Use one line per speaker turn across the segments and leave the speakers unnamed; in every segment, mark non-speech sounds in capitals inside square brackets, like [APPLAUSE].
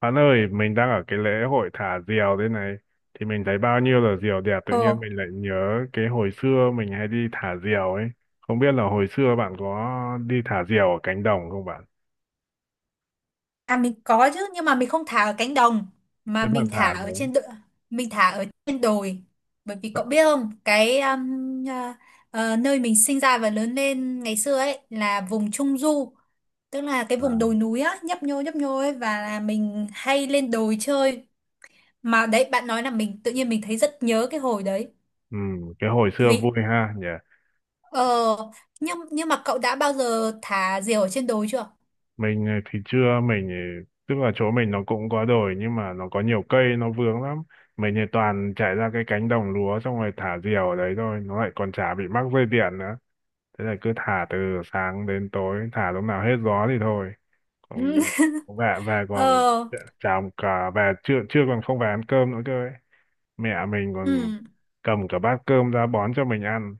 Bạn ơi, mình đang ở cái lễ hội thả diều thế này. Thì mình thấy bao nhiêu là diều đẹp, tự
Ồ,
nhiên mình lại nhớ cái hồi xưa mình hay đi thả diều ấy. Không biết là hồi xưa bạn có đi thả diều ở cánh đồng không bạn?
à mình có chứ nhưng mà mình không thả ở cánh đồng mà
Nếu bạn thả rồi.
mình thả ở trên đồi bởi vì
Dạ.
cậu biết không. Cái à, nơi mình sinh ra và lớn lên ngày xưa ấy là vùng trung du, tức là cái vùng
À,
đồi núi á, nhấp nhô ấy, và là mình hay lên đồi chơi. Mà đấy bạn nói là mình tự nhiên mình thấy rất nhớ cái hồi đấy
ừ, cái hồi xưa vui
vì
ha nhỉ.
ờ nhưng mà cậu đã bao giờ thả diều ở trên đồi chưa?
Mình thì chưa. Mình tức là chỗ mình nó cũng có đồi nhưng mà nó có nhiều cây nó vướng lắm. Mình thì toàn chạy ra cái cánh đồng lúa xong rồi thả diều ở đấy thôi, nó lại còn chả bị mắc dây điện nữa. Thế là cứ thả từ sáng đến tối, thả lúc nào hết gió thì thôi.
[LAUGHS]
Còn về về
Ừ.
còn
Ờ.
chả cả về, chưa chưa còn không về ăn cơm nữa cơ ấy. Mẹ mình còn cầm cả bát cơm ra bón cho mình ăn.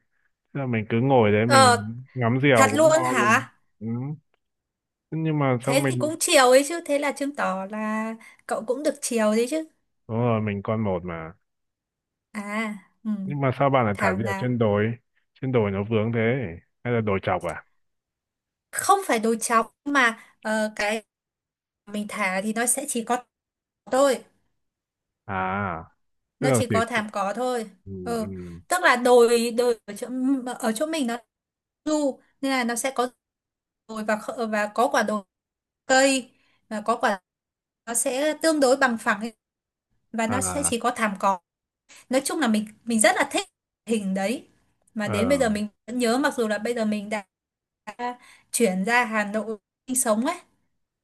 Thế là mình cứ ngồi đấy
Ừ.
mình ngắm diều
Thật
cũng
luôn
ngon luôn.
hả?
Ừ, nhưng mà sao
Thế thì
mình.
cũng chiều ấy chứ. Thế là chứng tỏ là cậu cũng được chiều đấy chứ.
Đúng rồi, mình con một mà.
À, ừ,
Nhưng mà sao bạn lại thả
thảo
diều
nào.
trên đồi, trên đồi nó vướng thế, hay là đồi chọc à?
Không phải đồi trọc mà cái mình thả thì nó sẽ chỉ có thôi.
À, tức
Nó
là
chỉ
thì,
có
thì
thảm cỏ thôi.
ừ,
Ừ,
ừ,
tức là đồi đồi ở chỗ mình nó du nên là nó sẽ có đồi và có quả đồi cây và có quả, nó sẽ tương đối bằng phẳng ấy, và nó sẽ
à,
chỉ có thảm cỏ. Nói chung là mình rất là thích hình đấy mà đến bây
ờ,
giờ mình vẫn nhớ, mặc dù là bây giờ mình đã chuyển ra Hà Nội sinh sống ấy,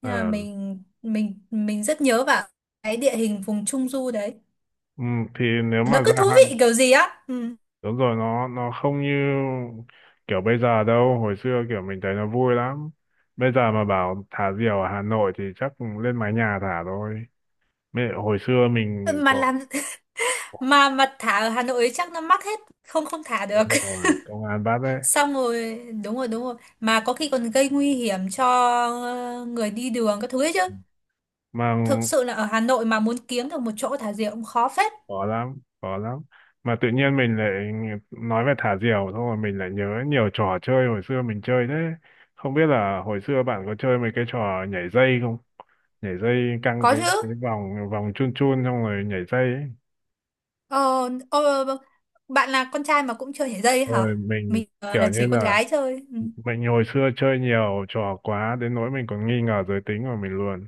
nhưng mà
ờ,
mình rất nhớ vào cái địa hình vùng Trung Du đấy,
ừ, thì nếu
nó
mà
cứ
gia
thú
hạn.
vị kiểu gì á. Ừ.
Đúng rồi, nó không như kiểu bây giờ đâu. Hồi xưa kiểu mình thấy nó vui lắm. Bây giờ mà bảo thả diều ở Hà Nội thì chắc lên mái nhà thả thôi. Mẹ, hồi xưa mình
mà
có.
làm mà thả ở Hà Nội ấy chắc nó mắc hết, không không thả được.
Đúng rồi, công an bắt đấy
[LAUGHS] Xong rồi đúng rồi đúng rồi, mà có khi còn gây nguy hiểm cho người đi đường các thứ ấy chứ.
mà.
Thực sự là ở Hà Nội mà muốn kiếm được một chỗ thả diều cũng khó phết.
Khó lắm, khó lắm. Mà tự nhiên mình lại nói về thả diều, xong rồi mình lại nhớ nhiều trò chơi hồi xưa mình chơi thế. Không biết là hồi xưa bạn có chơi mấy cái trò nhảy dây không? Nhảy dây căng
Có
cái
chứ.
vòng vòng chun chun xong rồi nhảy dây ấy.
Ờ, ờ, bạn là con trai mà cũng chơi nhảy dây
Rồi
hả?
mình
Mình
kiểu
là
như
chỉ con
là,
gái chơi. Ừ.
mình hồi xưa chơi nhiều trò quá đến nỗi mình còn nghi ngờ giới tính của mình luôn.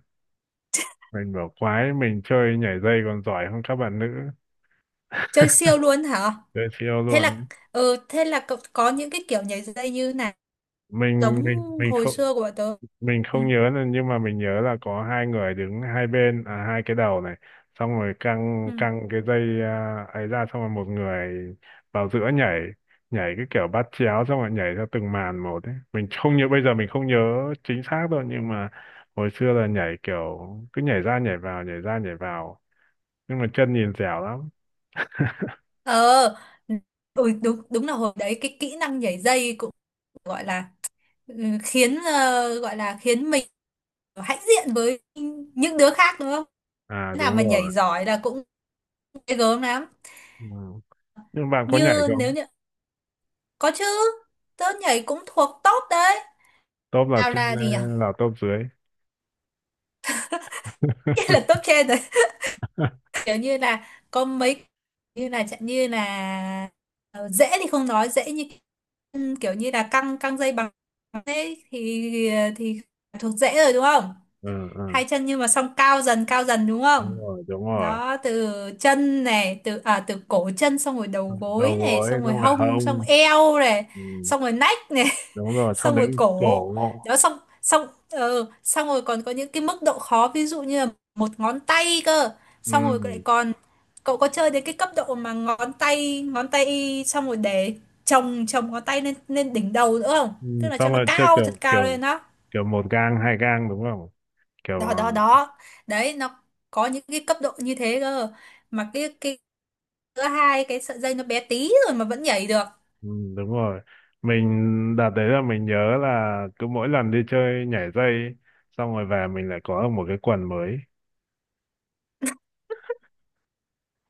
Mình bảo quái, mình chơi nhảy dây còn giỏi hơn các bạn nữ.
Chơi siêu luôn hả?
Chơi siêu
Thế là
luôn.
ờ, thế là cậu có những cái kiểu nhảy dây như này
mình
giống
mình mình
hồi
không,
xưa của bọn tớ.
mình
Ừ.
không nhớ là- nhưng mà mình nhớ là có hai người đứng hai bên, à, hai cái đầu này, xong rồi căng
Ừ.
căng cái dây à, ấy ra, xong rồi một người vào giữa nhảy. Nhảy cái kiểu bắt chéo xong rồi nhảy theo từng màn một ấy. Mình không nhớ, bây giờ mình không nhớ chính xác đâu, nhưng mà hồi xưa là nhảy kiểu cứ nhảy ra nhảy vào, nhảy ra nhảy vào, nhưng mà chân nhìn dẻo lắm.
Ờ, ừ, đúng đúng là hồi đấy cái kỹ năng nhảy dây cũng gọi là ừ, khiến, ờ, gọi là khiến mình hãnh diện với những đứa khác đúng không?
À,
Đứa nào
đúng
mà nhảy
rồi,
giỏi là cũng ghê gớm lắm.
ừ. Nhưng bạn có nhảy
Như nếu
không?
như có chứ, tớ nhảy cũng thuộc top đấy.
Top là
Sao
trên
là
hay
gì nhỉ?
là
[LAUGHS]
top dưới?
Nghĩa là
[LAUGHS]
top trên rồi. [LAUGHS] Kiểu như là có mấy, như là chẳng, như là ờ, dễ thì không nói, dễ như kiểu như là căng căng dây bằng thế thì thuộc dễ rồi đúng không?
Ừ, ừ.
Hai chân nhưng mà xong cao dần đúng không?
Đúng rồi, đúng rồi.
Đó từ chân này, từ cổ chân, xong rồi đầu
Đầu
gối này,
gối
xong rồi
xong rồi
hông, xong
hông,
eo này,
ừ,
xong rồi nách này,
đúng rồi, xong
xong rồi
đến
cổ.
cổ.
Đó xong xong, xong rồi còn có những cái mức độ khó ví dụ như là một ngón tay cơ,
Ừ.
xong rồi lại còn cậu có chơi đến cái cấp độ mà ngón tay xong rồi để chồng chồng ngón tay lên lên đỉnh đầu nữa không,
Ừ.
tức là cho
Xong
nó
rồi chơi
cao thật
kiểu
cao
kiểu,
lên. Đó
kiểu một gang hai gang đúng không, kiểu ờ,
đó đó đó, đấy nó có những cái cấp độ như thế cơ, mà cái giữa hai cái sợi dây nó bé tí rồi mà vẫn nhảy được.
ừ, đúng rồi. Mình đợt đấy là mình nhớ là cứ mỗi lần đi chơi nhảy dây ấy, xong rồi về mình lại có được một cái quần mới.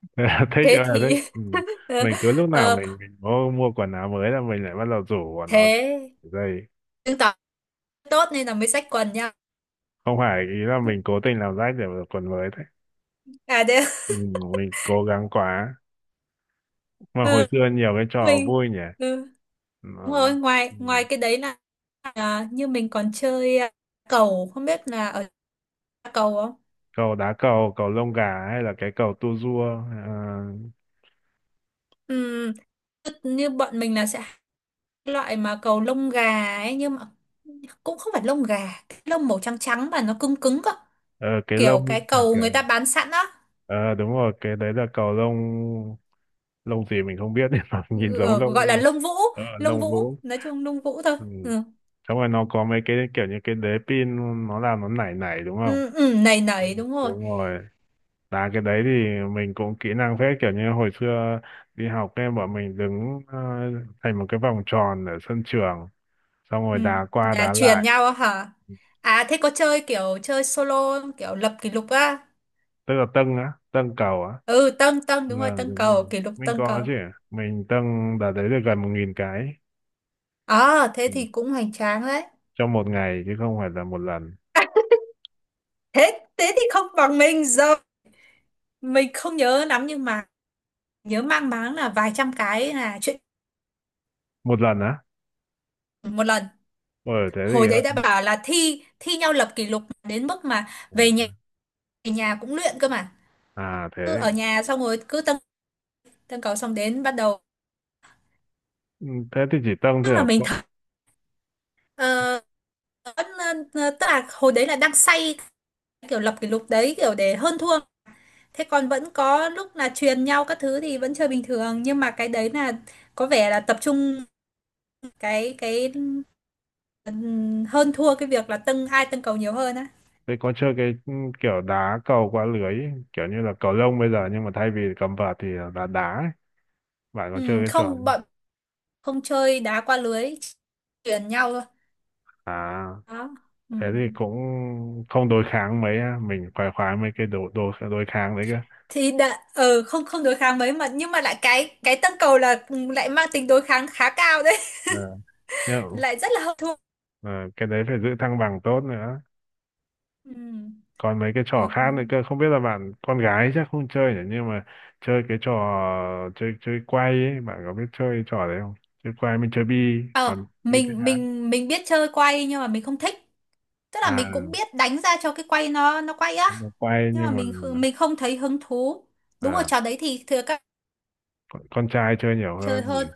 [LAUGHS] Thế là thích
Thế
ơi là thích,
thì
ừ.
[LAUGHS]
Mình cứ lúc nào
ờ,
mình mua, mua quần áo mới là mình lại bắt đầu rủ của nó
thế
nhảy dây.
chứng tỏ tốt nên là mới xách quần nha.
Không phải ý là mình cố tình làm rách để được quần mới đấy.
À thế.
Ừ, mình cố gắng quá.
[LAUGHS]
Mà hồi
Ừ.
xưa nhiều cái trò
Mình.
vui nhỉ.
Ừ.
Mà,
Đúng rồi, ngoài ngoài
ừ,
cái đấy là, à, như mình còn chơi, à, cầu không biết là ở cầu không.
cầu, đá cầu, cầu lông gà hay là cái cầu tua rua. Ờ,
Ừ. Tức như bọn mình là sẽ hay cái loại mà cầu lông gà ấy nhưng mà cũng không phải lông gà, cái lông màu trắng trắng mà nó cứng cứng cơ,
ờ, cái
kiểu
lông
cái
kiểu
cầu
kiểu,
người ta bán sẵn á.
ờ, đúng rồi, cái đấy là cầu lông. Lông gì mình không biết nhưng mà [LAUGHS] nhìn
Ừ,
giống
gọi
lông.
là lông vũ,
Ờ,
lông
lông
vũ
gỗ.
nói chung, lông vũ thôi.
Ừ.
Ừ.
Xong rồi nó có mấy cái kiểu như cái đế pin, nó làm nó nảy nảy đúng không.
Ừ, ừ, nầy
Ừ,
nầy đúng rồi.
đúng rồi, đá cái đấy thì mình cũng kỹ năng phết. Kiểu như hồi xưa đi học em bọn mình đứng, ờ, thành một cái vòng tròn ở sân trường xong
Ừ,
rồi đá qua
là
đá
truyền
lại.
nhau á hả? À thế có chơi kiểu chơi solo không? Kiểu lập kỷ lục á?
Tức là dâng á, dâng cầu á.
Ừ, tân tân đúng rồi,
Ờ,
tân
đúng
cầu
rồi,
kỷ lục,
mình
tân
có
cầu.
chứ. Mình dâng đợt đấy được gần 1.000 cái.
À thế
Ừ.
thì cũng hoành tráng đấy.
Trong một ngày chứ không phải là một lần.
[LAUGHS] Thế thế thì không bằng mình, giờ mình không nhớ lắm, nhưng mà nhớ mang máng là vài trăm cái là chuyện
Một lần á.
một lần.
Ờ thế
Hồi đấy đã
thì.
bảo là thi thi nhau lập kỷ lục đến mức mà về
Ừ.
nhà, về nhà cũng luyện cơ mà.
À
Cứ
thế.
ở nhà xong rồi cứ tân tân cầu, xong đến bắt đầu
Ừ, thế thì chỉ dâng
tức
thôi
là
à?
mình
Cậu-
thử. Ờ, vẫn, tức là hồi đấy là đang say kiểu lập kỷ lục đấy kiểu để hơn thua, thế còn vẫn có lúc là truyền nhau các thứ thì vẫn chơi bình thường, nhưng mà cái đấy là có vẻ là tập trung cái hơn thua cái việc là tâng cầu nhiều hơn á.
thế có chơi cái, ừ, kiểu đá cầu qua lưới ấy, kiểu như là cầu lông bây giờ nhưng mà thay vì cầm vợt thì là đá đá ấy. Bạn có chơi cái trò
Không,
ấy?
bọn không chơi đá qua lưới, truyền nhau thôi
À
đó.
thế thì
Ừm.
cũng không đối kháng mấy á. Mình khoái khoái mấy cái đồ đồ đối kháng đấy cơ.
Thì đã không, không đối kháng mấy mà, nhưng mà lại cái tâng cầu là lại mang tính đối kháng khá cao đấy.
Ờ. Yeah.
[LAUGHS] Lại rất là hơn thua.
Ờ, cái đấy phải giữ thăng bằng tốt nữa.
Ừ.
Còn mấy cái trò
Ủa.
khác nữa cơ, không biết là bạn con gái chắc không chơi nhỉ, nhưng mà chơi cái trò, chơi chơi quay ấy, bạn có biết chơi trò đấy không? Chơi quay, mình chơi bi
Ờ,
còn bi biết
mình
đá.
mình mình biết chơi quay nhưng mà mình không thích. Tức là
À,
mình cũng biết đánh ra cho cái quay nó quay á.
nhưng mà quay,
Nhưng
nhưng
mà
mà,
mình không thấy hứng thú. Đúng rồi,
à,
trò đấy thì thừa các bạn
con trai chơi nhiều hơn
chơi
nhỉ.
hơn.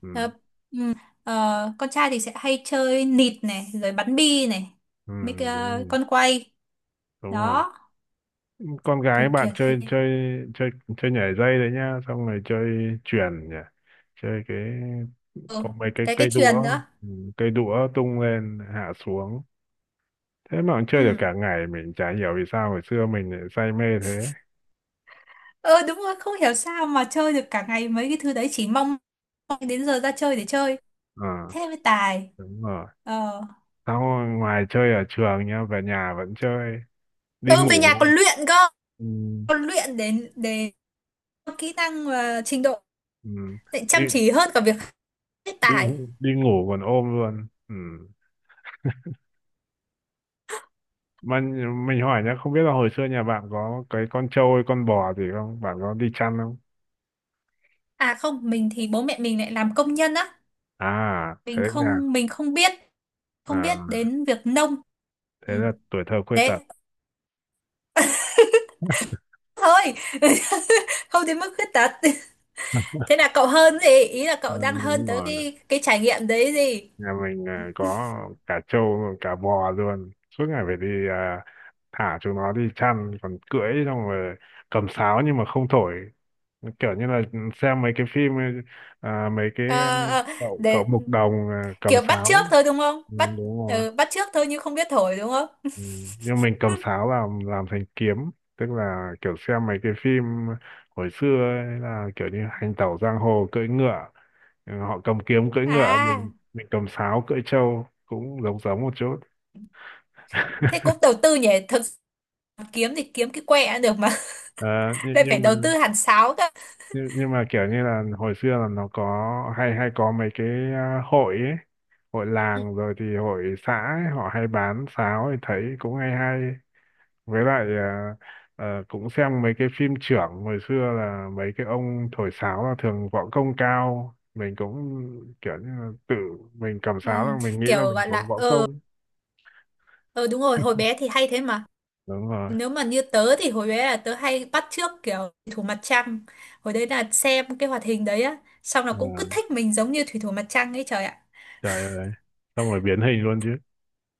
Ừ,
Ờ, ừ, ờ, con trai thì sẽ hay chơi nịt này, rồi bắn bi này,
ừ,
mấy cái,
đúng rồi.
con quay
Đúng rồi,
đó,
con
kiểu
gái bạn
kiểu thế.
chơi chơi, chơi chơi nhảy dây đấy nhá, xong rồi chơi chuyền nhỉ. Chơi cái
Ừ,
có mấy cái
cái
cây đũa,
chuyền nữa.
ừ, cây đũa tung lên hạ xuống. Thế mà cũng chơi được
Ừ.
cả ngày, mình chả hiểu vì sao hồi xưa mình lại say mê thế.
Ờ đúng rồi, không hiểu sao mà chơi được cả ngày mấy cái thứ đấy, chỉ mong mong đến giờ ra chơi để chơi.
Ờ,
Thế mới tài.
đúng rồi.
ờ
Sau ngoài chơi ở trường nhá, về nhà vẫn chơi. Đi
ừ, về nhà
ngủ,
còn luyện cơ,
ừ,
còn luyện đến để kỹ năng và trình độ,
ừ,
để
đi
chăm chỉ hơn cả việc hết
đi
tài.
đi ngủ còn ôm luôn, ừ. Mà nh- mình hỏi nhá, không biết là hồi xưa nhà bạn có cái con trâu hay con bò gì không, bạn có đi chăn không?
À không, mình thì bố mẹ mình lại làm công nhân á,
À thế
mình
nhà.
không mình không biết không
À
biết đến việc nông.
thế
Ừ.
là tuổi thơ khuyết tật.
Đấy thôi. [LAUGHS] Không đến mức khuyết tật. Thế là cậu hơn gì, ý là
Ừ,
cậu đang hơn
đúng
tới
rồi,
cái trải nghiệm đấy gì.
nhà mình à, có cả trâu rồi cả bò luôn, suốt ngày phải đi à, thả chúng nó đi chăn, còn cưỡi xong rồi cầm sáo nhưng mà không thổi. Kiểu như là xem mấy cái phim, à, mấy cái ờ,
Ờ, ờ,
cậu cậu
để
mục đồng à, cầm
kiểu bắt
sáo.
chước thôi đúng không,
Ừ, đúng rồi.
ừ, bắt chước thôi nhưng không biết thổi đúng không.
Ừ, nhưng mình cầm
[LAUGHS]
sáo làm thành kiếm. Tức là kiểu xem mấy cái phim hồi xưa ấy, là kiểu như hành tẩu giang hồ cưỡi ngựa. Ừ, họ cầm kiếm cưỡi ngựa,
À,
mình cầm sáo cưỡi trâu cũng giống giống một chút.
thế cũng đầu tư nhỉ? Thực, mà kiếm thì kiếm cái quẹ cũng được mà.
Ờ,
[LAUGHS]
nhưng,
Lại phải
nhưng mà,
đầu tư hẳn sáo cơ.
nhưng mà kiểu như là hồi xưa là nó có, hay hay có mấy cái, à, hội ấy, hội
Ừ,
làng rồi thì hội xã ấy, họ hay bán sáo thì thấy cũng hay hay. Với lại à, ờ, cũng xem mấy cái phim chưởng hồi xưa là mấy cái ông thổi sáo là thường võ công cao. Mình cũng kiểu như là tự mình cầm
ừ,
sáo là mình nghĩ là
kiểu
mình
gọi
có
là
võ công.
ờ, đúng rồi hồi bé thì hay thế mà.
Đúng rồi.
Nếu mà như tớ thì hồi bé là tớ hay bắt chước kiểu thủy thủ mặt trăng, hồi đấy là xem cái hoạt hình đấy á, xong là
Ờ,
cũng cứ thích mình giống như thủy thủ mặt trăng ấy, trời ạ.
trời ơi, xong rồi biến hình luôn chứ.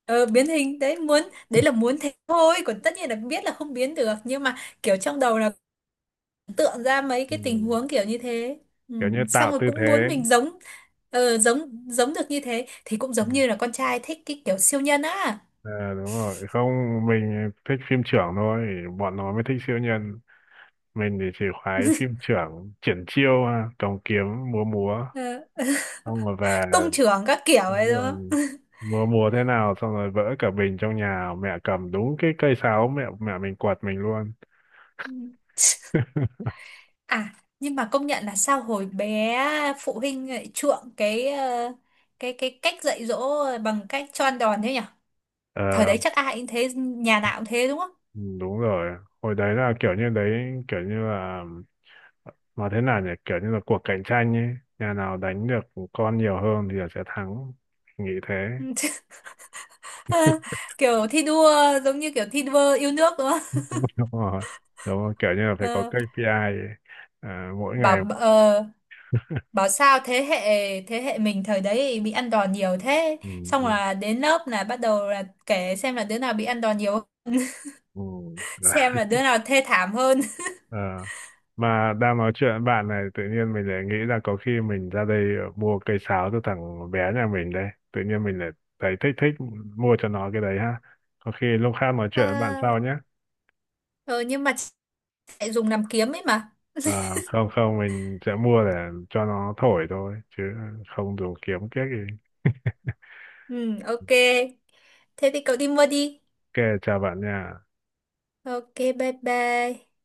Ờ, biến hình đấy muốn, đấy là muốn thế thôi còn tất nhiên là biết là không biến được, nhưng mà kiểu trong đầu là tượng ra mấy
Ừ.
cái tình huống kiểu như thế. Ừ.
Kiểu như
Xong
tạo
rồi
tư
cũng muốn
thế.
mình giống, giống giống được như thế thì cũng
Ừ.
giống như là con trai thích cái kiểu siêu nhân á.
Ờ, đúng rồi, không, mình thích phim chưởng thôi, bọn nó mới thích siêu nhân. Mình thì chỉ khoái phim chưởng, triển chiêu à, cầm kiếm múa múa
Ờ,
xong rồi về.
tung chưởng các kiểu
Đúng
ấy đúng
rồi,
không.
mưa mùa thế nào xong rồi vỡ cả bình trong nhà, mẹ cầm đúng cái cây sáo, mẹ mẹ mình quạt mình luôn.
Ừ. À, nhưng mà công nhận là sao hồi bé phụ huynh lại chuộng cái cái cách dạy dỗ bằng cách cho ăn đòn thế nhỉ, thời
Ờ.
đấy chắc ai cũng thế, nhà nào cũng thế đúng không.
Ừ, đúng rồi, hồi đấy là kiểu như đấy, kiểu như là, mà thế nào nhỉ, kiểu như là cuộc cạnh tranh ấy, nhà nào đánh được con nhiều hơn thì là sẽ thắng, nghĩ thế.
[LAUGHS] Ừ. Kiểu thi đua, giống như kiểu thi đua yêu nước đúng không.
[LAUGHS] Đúng rồi, đúng rồi, kiểu như là phải có
Ờ,
KPI ấy. À, mỗi ngày,
bảo ờ, Bảo sao thế hệ, mình thời đấy bị ăn đòn nhiều thế,
ừ,
xong
ừ,
là đến lớp là bắt đầu là kể xem là đứa nào bị ăn đòn nhiều,
ừ.
[LAUGHS] xem là
[LAUGHS]
đứa nào thê thảm hơn.
Ờ. Mà đang nói chuyện với bạn này tự nhiên mình lại nghĩ là có khi mình ra đây mua cây sáo cho thằng bé nhà mình đây. Tự nhiên mình lại thấy thích thích mua cho nó cái đấy ha. Có khi lúc khác nói
[LAUGHS]
chuyện với bạn
À,
sau nhé.
ừ, nhưng mà chị lại dùng làm kiếm ấy mà.
Ờ, không không mình sẽ mua để cho nó thổi thôi chứ không dùng kiếm kiếc gì.
Ừ, ok, thế thì cậu đi mua đi.
Ok, chào bạn nha.
Ok, bye bye.